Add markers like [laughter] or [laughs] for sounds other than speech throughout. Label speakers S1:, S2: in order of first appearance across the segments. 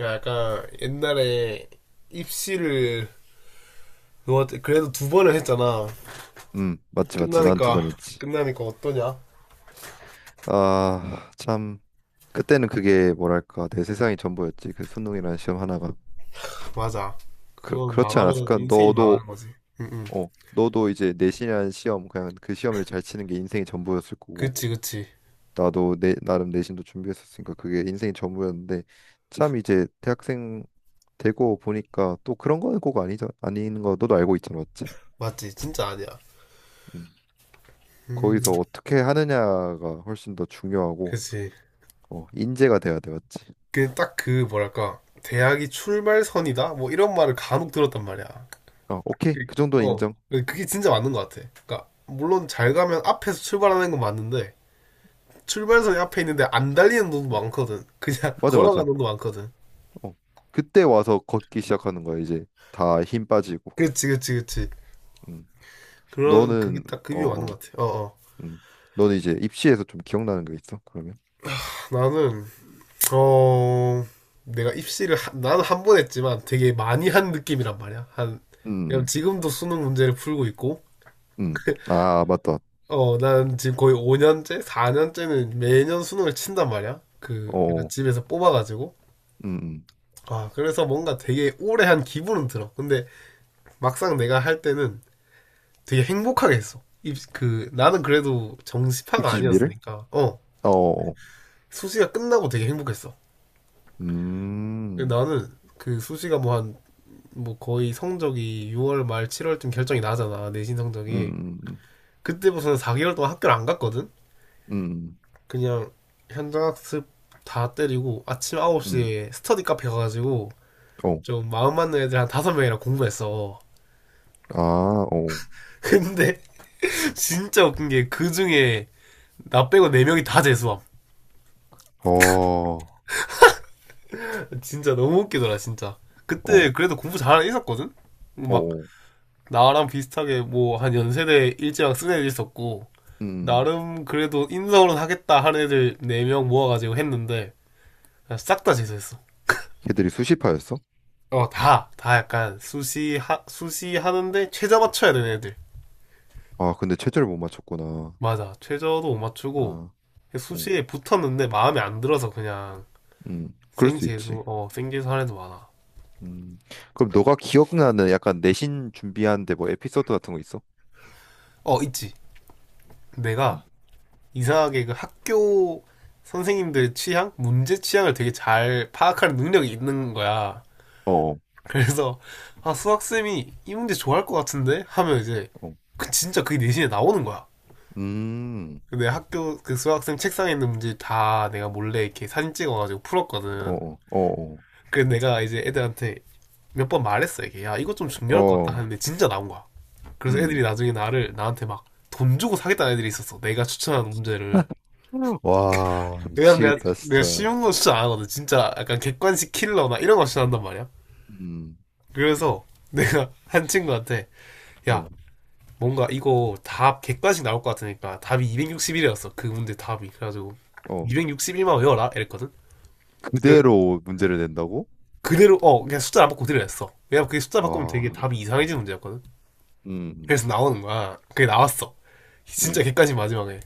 S1: 약간 옛날에 입시를 뭐 그래도 두 번을 했잖아.
S2: 맞지, 맞지. 난 두
S1: 끝나니까
S2: 번 했지.
S1: 끝나니까 어떠냐?
S2: 아, 참. 그때는 그게 뭐랄까, 내 세상이 전부였지. 그 수능이라는 시험 하나가.
S1: 맞아.
S2: 그,
S1: 그건
S2: 그렇지
S1: 망하면
S2: 않았을까?
S1: 인생이
S2: 너도,
S1: 망하는 거지. 응, 응.
S2: 어, 너도 이제 내신이라는 시험, 그냥 그 시험을 잘 치는 게 인생의 전부였을 거고.
S1: 그치, 그치.
S2: 나도 나름 내신도 준비했었으니까 그게 인생의 전부였는데, 참 이제 대학생 되고 보니까 또 그런 거는 꼭 아니죠. 아닌 거 너도 알고 있잖아, 맞지?
S1: 맞지. 진짜 아니야.
S2: 음,
S1: 음,
S2: 거기서 어떻게 하느냐가 훨씬 더 중요하고,
S1: 그치.
S2: 어, 인재가 돼야 돼, 맞지?
S1: 그 딱 그 뭐랄까 대학이 출발선이다. 뭐 이런 말을 간혹 들었단 말이야.
S2: 어, 오케이. 그
S1: 그-
S2: 정도는
S1: 어,
S2: 인정.
S1: 그게 진짜 맞는 것 같아. 그러니까 물론 잘 가면 앞에서 출발하는 건 맞는데 출발선이 앞에 있는데 안 달리는 놈도
S2: 어,
S1: 많거든. 그냥 [laughs]
S2: 맞아,
S1: 걸어가는
S2: 맞아.
S1: 놈도 많거든.
S2: 어. 그때 와서 걷기 시작하는 거야, 이제. 다 힘 빠지고.
S1: 그치, 그치, 그치.
S2: 음.
S1: 그게
S2: 너는,
S1: 딱
S2: 어,
S1: 급이 맞는
S2: 어,
S1: 것 같아. 어, 어.
S2: 음. 너는 이제 입시에서 좀 기억나는 거 있어, 그러면?
S1: 나는, 어, 내가 입시를, 나는 한 번 했지만 되게 많이 한 느낌이란 말이야.
S2: 음,
S1: 왜냐면
S2: 음.
S1: 지금도 수능 문제를 풀고 있고,
S2: 음. 음.
S1: [laughs]
S2: 아, 아, 맞다.
S1: 난 지금 거의 4년째는 매년 수능을 친단 말이야. 그,
S2: 어,
S1: 약간
S2: 어.
S1: 집에서 뽑아가지고.
S2: 음, 음.
S1: 아, 그래서 뭔가 되게 오래 한 기분은 들어. 근데 막상 내가 할 때는 되게 행복하게 했어. 나는 그래도 정시파가
S2: 입시 준비를?
S1: 아니었으니까,
S2: 어, 어. 어.
S1: 수시가 끝나고 되게 행복했어.
S2: 음,
S1: 나는 그 수시가 뭐 뭐 거의 성적이 6월 말 7월쯤 결정이 나잖아. 내신
S2: 음,
S1: 성적이.
S2: 음, 음,
S1: 그때부터는 4개월 동안 학교를 안 갔거든?
S2: 음,
S1: 그냥 현장학습 다 때리고 아침
S2: 음.
S1: 9시에 스터디 카페 가가지고
S2: 음. 어.
S1: 좀 마음 맞는 애들 한 5명이랑 공부했어.
S2: 아, 어.
S1: 근데 [laughs] 진짜 웃긴 게 그 중에 나 빼고 4명이 다 재수함.
S2: 어,
S1: [laughs] 진짜 너무 웃기더라, 진짜.
S2: 어,
S1: 그때
S2: 어.
S1: 그래도 공부 잘하는 애 있었거든? 막
S2: 어.
S1: 나랑 비슷하게 뭐 한 연세대 일제랑 쓴 애들 있었고,
S2: 음.
S1: 나름 그래도 인성으로 하겠다 하는 애들 네 명 모아가지고 했는데 싹 다 재수했어.
S2: 걔들이 수시파였어?
S1: 다 약간 수시 하는데 최저 맞춰야 되는 애들.
S2: 아, 근데 최저를 못 맞췄구나.
S1: 맞아, 최저도 못 맞추고
S2: 아. 어.
S1: 수시에 붙었는데 마음에 안 들어서 그냥
S2: 그럴
S1: 생
S2: 수 있지.
S1: 재수, 어, 생 재수 하는 애도 많아.
S2: 음, 그럼 너가 기억나는 약간 내신 준비하는데 뭐 에피소드 같은 거 있어?
S1: 어, 있지. 내가
S2: 음,
S1: 이상하게 그 학교 선생님들 취향, 문제 취향을 되게 잘 파악하는 능력이 있는 거야.
S2: 어, 어,
S1: 그래서 아 수학쌤이 이 문제 좋아할 것 같은데 하면 이제
S2: 어.
S1: 그 진짜 그게 내신에 나오는 거야.
S2: 음,
S1: 근데 학교 그 수학쌤 책상에 있는 문제 다 내가 몰래 이렇게 사진 찍어가지고
S2: 어,
S1: 풀었거든.
S2: 어, 어,
S1: 그래서 내가 이제 애들한테 몇 번 말했어, 이게 야 이거 좀
S2: 어,
S1: 중요할 것 같다
S2: 어,
S1: 하는데 진짜 나온 거야. 그래서 애들이
S2: 음.
S1: 나중에 나를 나한테 막 돈 주고 사겠다는 애들이 있었어. 내가 추천한 문제를.
S2: [laughs] 와,
S1: 왜냐면 내가
S2: 미치겠다,
S1: 내가
S2: 진짜.
S1: 쉬운 거 추천 안 하거든. 진짜 약간 객관식 킬러나 이런 거 추천한단 말이야.
S2: 음,
S1: 그래서 내가 [laughs] 한 친구한테 야
S2: 어,
S1: 뭔가 이거 답 객관식 나올 것 같으니까 답이 261이었어. 그 문제 답이. 그래가지고
S2: 어.
S1: 261만 외워라 이랬거든. 그래,
S2: 그대로 문제를 낸다고?
S1: 그대로 그냥 숫자 안 바꾸고 그대로 했어. 왜냐면 그게 숫자 바꾸면
S2: 와,
S1: 되게 답이 이상해지는 문제였거든.
S2: 음,
S1: 그래서 나오는 거야. 그게 나왔어. 진짜
S2: 음,
S1: 객관식 마지막에.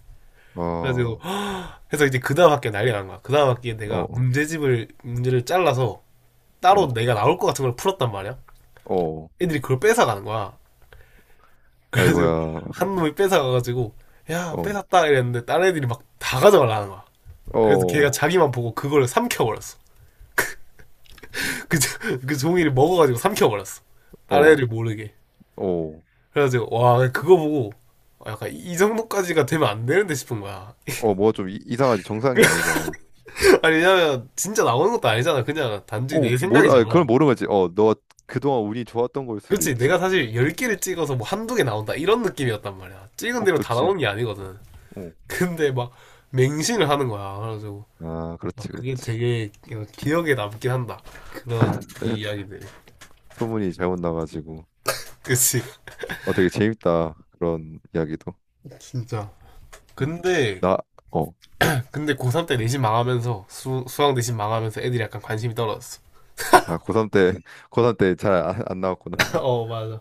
S2: 와,
S1: 그래가지고
S2: 어,
S1: [gasps] 그래서 이제 그 다음 학기에 난리가 난 거야. 그 다음 학기에 내가
S2: 어,
S1: 문제집을 문제를 잘라서 따로
S2: 어,
S1: 내가 나올 것 같은 걸 풀었단 말이야.
S2: 어.
S1: 애들이 그걸 뺏어가는 거야. 그래서
S2: 아이고야,
S1: 한 놈이 뺏어가가지고 야
S2: 어,
S1: 뺏었다 이랬는데 다른 애들이 막 다 가져가려는 거야. 그래서 걔가
S2: 어,
S1: 자기만 보고 그걸 삼켜버렸어. 그, 그 종이를 먹어가지고 삼켜버렸어. 다른
S2: 어,
S1: 애를 모르게.
S2: 어,
S1: 그래가지고, 와, 그거 보고, 약간 이 정도까지가 되면 안 되는데 싶은 거야.
S2: 어, 뭐가 좀 이상하지? 정상이 아니잖아.
S1: [laughs] 아니, 왜냐면, 진짜 나오는 것도 아니잖아. 그냥 단지
S2: 어,
S1: 내
S2: 아, 그걸
S1: 생각이잖아.
S2: 모르겠지. 어, 너 그동안 운이 좋았던 걸 수도
S1: 그렇지.
S2: 있지.
S1: 내가 사실 10개를 찍어서 뭐 한두 개 나온다. 이런 느낌이었단 말이야. 찍은
S2: 어,
S1: 대로 다
S2: 그렇지.
S1: 나오는 게 아니거든.
S2: 어.
S1: 근데 막, 맹신을 하는 거야. 그래가지고,
S2: 아, 그렇지,
S1: 막 그게
S2: 그렇지.
S1: 되게 기억에 남긴 한다. 그런
S2: [laughs]
S1: 이야기들.
S2: 소문이 잘못 나가지고.
S1: 그치.
S2: 어, 되게 재밌다. 그런 이야기도.
S1: 진짜.
S2: 음.
S1: 근데
S2: 나, 어,
S1: 근데 고3 때 내신 망하면서 수학 내신 망하면서 애들이 약간 관심이 떨어졌어.
S2: 아, 고3 때, [laughs] 고3 때 잘 안
S1: [laughs]
S2: 나왔구나.
S1: 어, 맞아.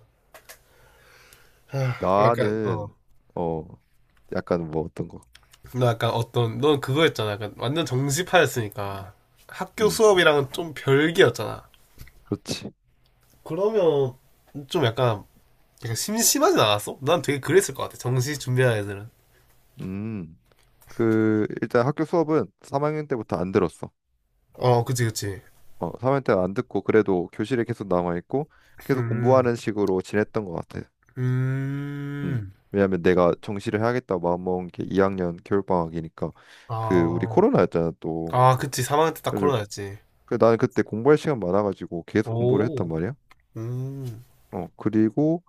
S1: [laughs] 약간 어.
S2: 나는, 어, 약간 뭐 어떤 거.
S1: 나 약간 어떤 넌 그거였잖아. 약간 완전 정시파였으니까 학교
S2: 음,
S1: 수업이랑은 좀 별개였잖아.
S2: 그렇지.
S1: 그러면 좀 약간 심심하진 않았어? 난 되게 그랬을 것 같아. 정시 준비하는 애들은.
S2: 음, 일단 학교 수업은 3학년 때부터 안 들었어.
S1: 어, 그치, 그치.
S2: 어, 3학년 때 안 듣고, 그래도 교실에 계속 남아있고, 계속
S1: 음,
S2: 공부하는 식으로 지냈던 것 같아. 음.
S1: 음,
S2: 왜냐면 내가 정시를 해야겠다 마음먹은 게 2학년 겨울방학이니까. 그 우리
S1: 아,
S2: 코로나였잖아, 또.
S1: 아, 그치. 3학년 때 딱
S2: 그래서
S1: 코로나였지.
S2: 그 나는 그때 공부할 시간 많아가지고 계속 공부를 했단
S1: 오,
S2: 말이야.
S1: 음,
S2: 어, 그리고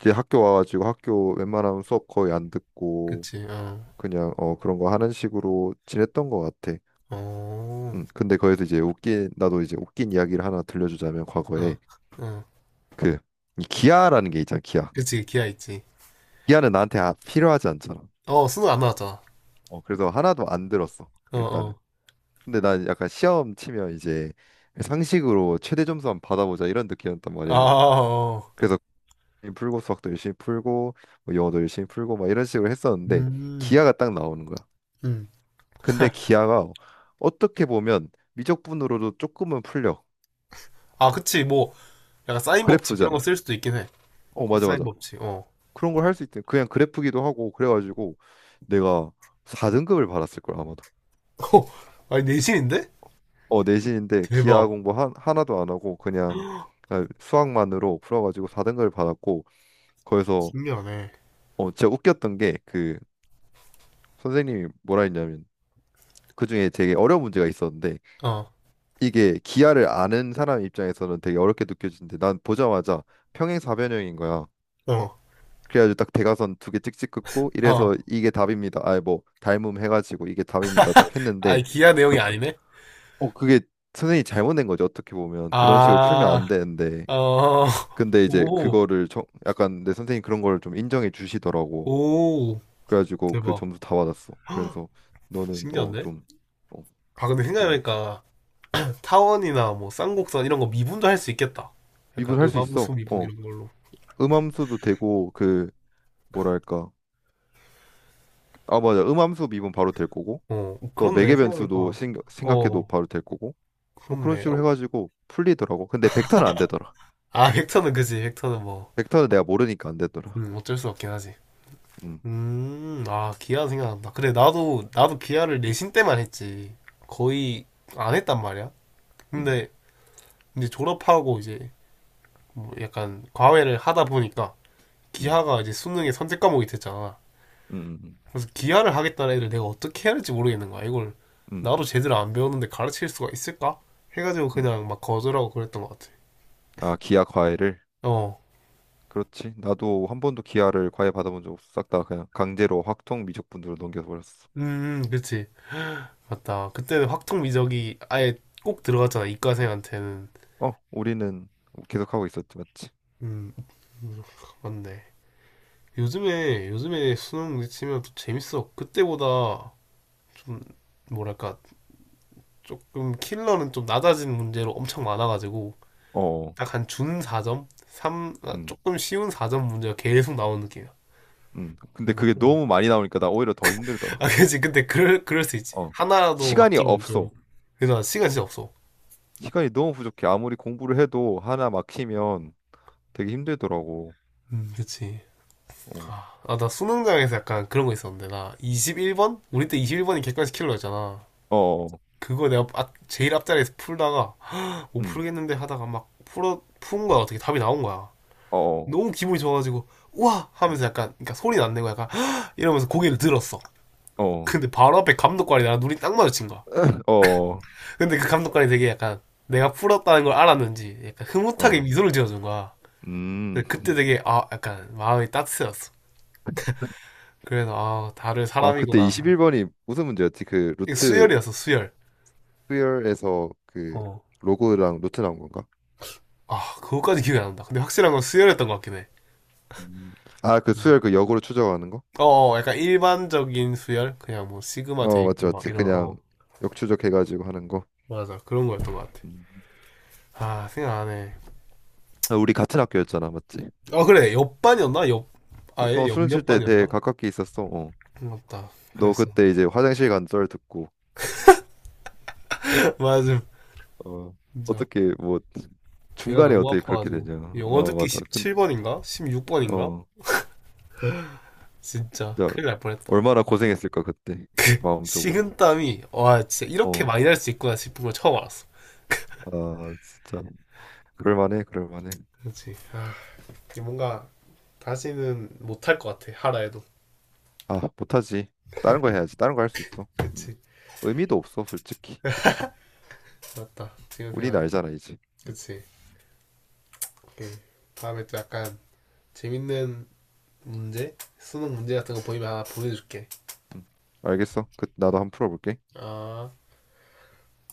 S2: 이제 학교 와가지고 학교 웬만하면 수업 거의 안 듣고,
S1: 그치. 어,
S2: 그냥 어 그런 거 하는 식으로 지냈던 것 같아.
S1: 어.
S2: 음. 근데 거기서 이제 웃긴, 나도 이제 웃긴 이야기를 하나 들려주자면,
S1: 어,
S2: 과거에
S1: 어.
S2: 그이 기아라는 게 있잖아, 기아.
S1: 그치, 기아 있지.
S2: 기아는 나한테 필요하지 않잖아.
S1: 어, 수능 안 나왔잖아.
S2: 어, 그래서 하나도 안 들었어,
S1: 어,
S2: 일단은.
S1: 어.
S2: 근데 난 약간 시험 치면 이제 상식으로 최대 점수 한번 받아보자, 이런 느낌이었단
S1: 아,
S2: 말이야.
S1: 어.
S2: 그래서 고민 풀고, 수학도 열심히 풀고, 뭐 영어도 열심히 풀고 막 이런 식으로 했었는데,
S1: 음,
S2: 기하가 딱 나오는 거야.
S1: 음.
S2: 근데 기하가 어떻게 보면 미적분으로도 조금은 풀려.
S1: 아, 그치, 뭐, 약간 사인 법칙 이런 거
S2: 그래프잖아.
S1: 쓸 수도 있긴 해.
S2: 어, 맞아,
S1: 코사인
S2: 맞아.
S1: 법칙, 어.
S2: 그런 걸 할 수 있대. 그냥 그래프기도 하고 그래가지고 내가 4등급을 받았을 걸, 아마도.
S1: [laughs] 어, 아니, 내신인데?
S2: 어, 내신인데 기하
S1: 대박.
S2: 공부 하나도 안 하고 그냥,
S1: [gasps]
S2: 아, 수학만으로 풀어가지고 4등급을 받았고, 거기서
S1: 신기하네.
S2: 어, 진짜 웃겼던 게 그 선생님이 뭐라 했냐면, 그중에 되게 어려운 문제가 있었는데,
S1: 어,
S2: 이게 기하를 아는 사람 입장에서는 되게 어렵게 느껴지는데 난 보자마자 평행사변형인 거야.
S1: 어,
S2: 그래가지고 딱 대각선 두 개 찍찍 긋고
S1: 어.
S2: 이래서 이게 답입니다. 아니 뭐 닮음 해가지고 이게 답입니다. 딱 했는데
S1: 아니, 기아 내용이
S2: 그게,
S1: 아니네?
S2: 그게 선생님이 잘못된 거지. 어떻게 보면 그런 식으로 풀면
S1: 아,
S2: 안 되는데,
S1: 어,
S2: 근데 이제
S1: 오,
S2: 그거를 약간 내 선생님 그런 걸 좀 인정해 주시더라고.
S1: 오,
S2: 그래가지고 그
S1: 대박.
S2: 점수 다 받았어. 그래서
S1: [gasps]
S2: 너는 어
S1: 신기한데?
S2: 좀. 어,
S1: 아, 근데
S2: 되게
S1: 생각해보니까, 타원이나 뭐 쌍곡선 이런 거 미분도 할 수 있겠다. 약간
S2: 미분할 수
S1: 음함수
S2: 있어.
S1: 미분
S2: 어,
S1: 이런 걸로.
S2: 음함수도 되고 그 뭐랄까, 아 맞아, 음함수 미분 바로 될 거고.
S1: 어,
S2: 또
S1: 그렇네.
S2: 매개변수도
S1: 생각해보니까.
S2: 생각해도
S1: 어,
S2: 바로 될 거고, 뭐 그런
S1: 그렇네.
S2: 식으로
S1: 어.
S2: 해가지고 풀리더라고. 근데 벡터는 안 되더라.
S1: 아, [laughs] 벡터는 그지. 벡터는 뭐,
S2: 벡터는 내가 모르니까 안 되더라.
S1: 어쩔 수 없긴 하지.
S2: 음,
S1: 아, 기아 생각난다. 그래, 나도 기아를 내신 때만 했지. 거의 안 했단 말이야.
S2: 음,
S1: 근데, 이제 졸업하고 이제, 뭐 약간 과외를 하다 보니까,
S2: 음,
S1: 기하가 이제 수능의 선택 과목이 됐잖아.
S2: 음, 음,
S1: 그래서 기아를 하겠다는 애들 내가 어떻게 해야 할지 모르겠는 거야. 이걸
S2: 음.
S1: 나도 제대로 안 배웠는데 가르칠 수가 있을까? 해가지고
S2: 음.
S1: 그냥 막 거절하고 그랬던 것 같아.
S2: 아, 기하 과외를.
S1: 어,
S2: 그렇지. 나도 한 번도 기하를 과외 받아본 적 없어. 싹 다 그냥 강제로 확통 미적분으로 넘겨서 버렸어.
S1: 그치. 맞다. 그때는 확통 미적이 아예 꼭 들어갔잖아. 이과생한테는.
S2: 어, 우리는 계속 하고 있었지, 맞지?
S1: 음, 음, 맞네. 요즘에 수능 치면 또 재밌어. 그때보다 좀, 뭐랄까, 조금 킬러는 좀 낮아진 문제로 엄청 많아가지고,
S2: 어, 어.
S1: 딱 한 준 4점?
S2: 음,
S1: 조금 쉬운 4점 문제가 계속 나오는 느낌이야.
S2: 근데
S1: 나
S2: 그게
S1: 쁘구나
S2: 너무 많이 나오니까 나 오히려 더 힘들더라.
S1: 아, 그치. 근데 그럴 수 있지.
S2: 어,
S1: 하나라도
S2: 시간이
S1: 맡기면 좀.
S2: 없어.
S1: 근데 나 시간 진짜 없어.
S2: 시간이 너무 부족해. 아무리 공부를 해도 하나 막히면 되게 힘들더라고.
S1: 음. 그치.
S2: 어,
S1: 아, 아, 나 수능장에서 약간 그런 거 있었는데. 나 21번? 우리 때 21번이 객관식 킬러였잖아.
S2: 어, 어,
S1: 그거 내가 제일 앞자리에서 풀다가, 못
S2: 음,
S1: 풀겠는데 하다가 막 푼 거야. 어떻게 답이 나온 거야.
S2: 어, 어,
S1: 너무 기분이 좋아가지고, 우와! 하면서 약간, 그러니까 소리는 안 내고 약간, 헉! 이러면서 고개를 들었어.
S2: 어, 어,
S1: 근데 바로 앞에 감독관이 나랑 눈이 딱 마주친 거야.
S2: 어, 어,
S1: 근데 그 감독관이 되게 약간 내가 풀었다는 걸 알았는지 약간 흐뭇하게
S2: 어.
S1: 미소를 지어준 거야.
S2: 음.
S1: 근데 그때 되게 아 약간 마음이 따뜻해졌어. 그래서 아 다른
S2: 아, 그때
S1: 사람이구나.
S2: 21번이 무슨 문제였지? 그
S1: 이게
S2: 루트.
S1: 수열이었어, 수열.
S2: 수열에서 그
S1: 어.
S2: 로고랑 루트 나온 건가?
S1: 아 그거까지 기억이 안 난다. 근데 확실한 건 수열이었던 것 같긴 해.
S2: 음, 아, 그
S1: 음.
S2: 수열 그 역으로 추적하는 거?
S1: 어, 어, 약간 일반적인 수열 그냥 뭐 시그마 돼
S2: 어, 맞지,
S1: 있고 막
S2: 맞지.
S1: 이런.
S2: 그냥 역추적해가지고 하는 거.
S1: 맞아, 그런 거였던 것 같아.
S2: 음.
S1: 아 생각 안 해.
S2: 아, 우리 같은 학교였잖아, 맞지?
S1: 어 그래 옆반이었나 옆 아예 옆
S2: 수능 칠 때
S1: 옆반이었나?
S2: 되게 가깝게 있었어. 어.
S1: 맞다.
S2: 너
S1: 그랬어.
S2: 그때 이제 화장실 간 썰 듣고,
S1: [laughs] 맞아,
S2: 어,
S1: 진짜.
S2: 어떻게 뭐
S1: 배가
S2: 중간에
S1: 너무
S2: 어떻게 그렇게
S1: 아파가지고
S2: 되냐?
S1: 영어
S2: 어,
S1: 듣기
S2: 맞아.
S1: 17번인가? 16번인가?
S2: 어,
S1: 진짜
S2: 진짜
S1: 큰일 날 뻔했다.
S2: 얼마나 고생했을까, 그때 마음적으로.
S1: 식은땀이 와 진짜 이렇게
S2: 어,
S1: 많이 날 수 있구나 싶은 걸 처음 알았어.
S2: 아, 진짜. 그럴만해, 그럴만해.
S1: 그렇지. 아 이게 뭔가 다시는 못 할 것 같아 하라 해도.
S2: 아, 못하지. 다른 거 해야지. 다른 거 할 수 있어. 음.
S1: 그치.
S2: 의미도 없어, 솔직히.
S1: 맞다, 지금
S2: 우린
S1: 생각해.
S2: 알잖아, 이제. 음.
S1: 그치. 오케이. 다음에 또 약간 재밌는 문제 수능 문제 같은 거 보이면 하나 보내줄게.
S2: 음, 알겠어. 그 나도 한번 풀어볼게.
S1: 아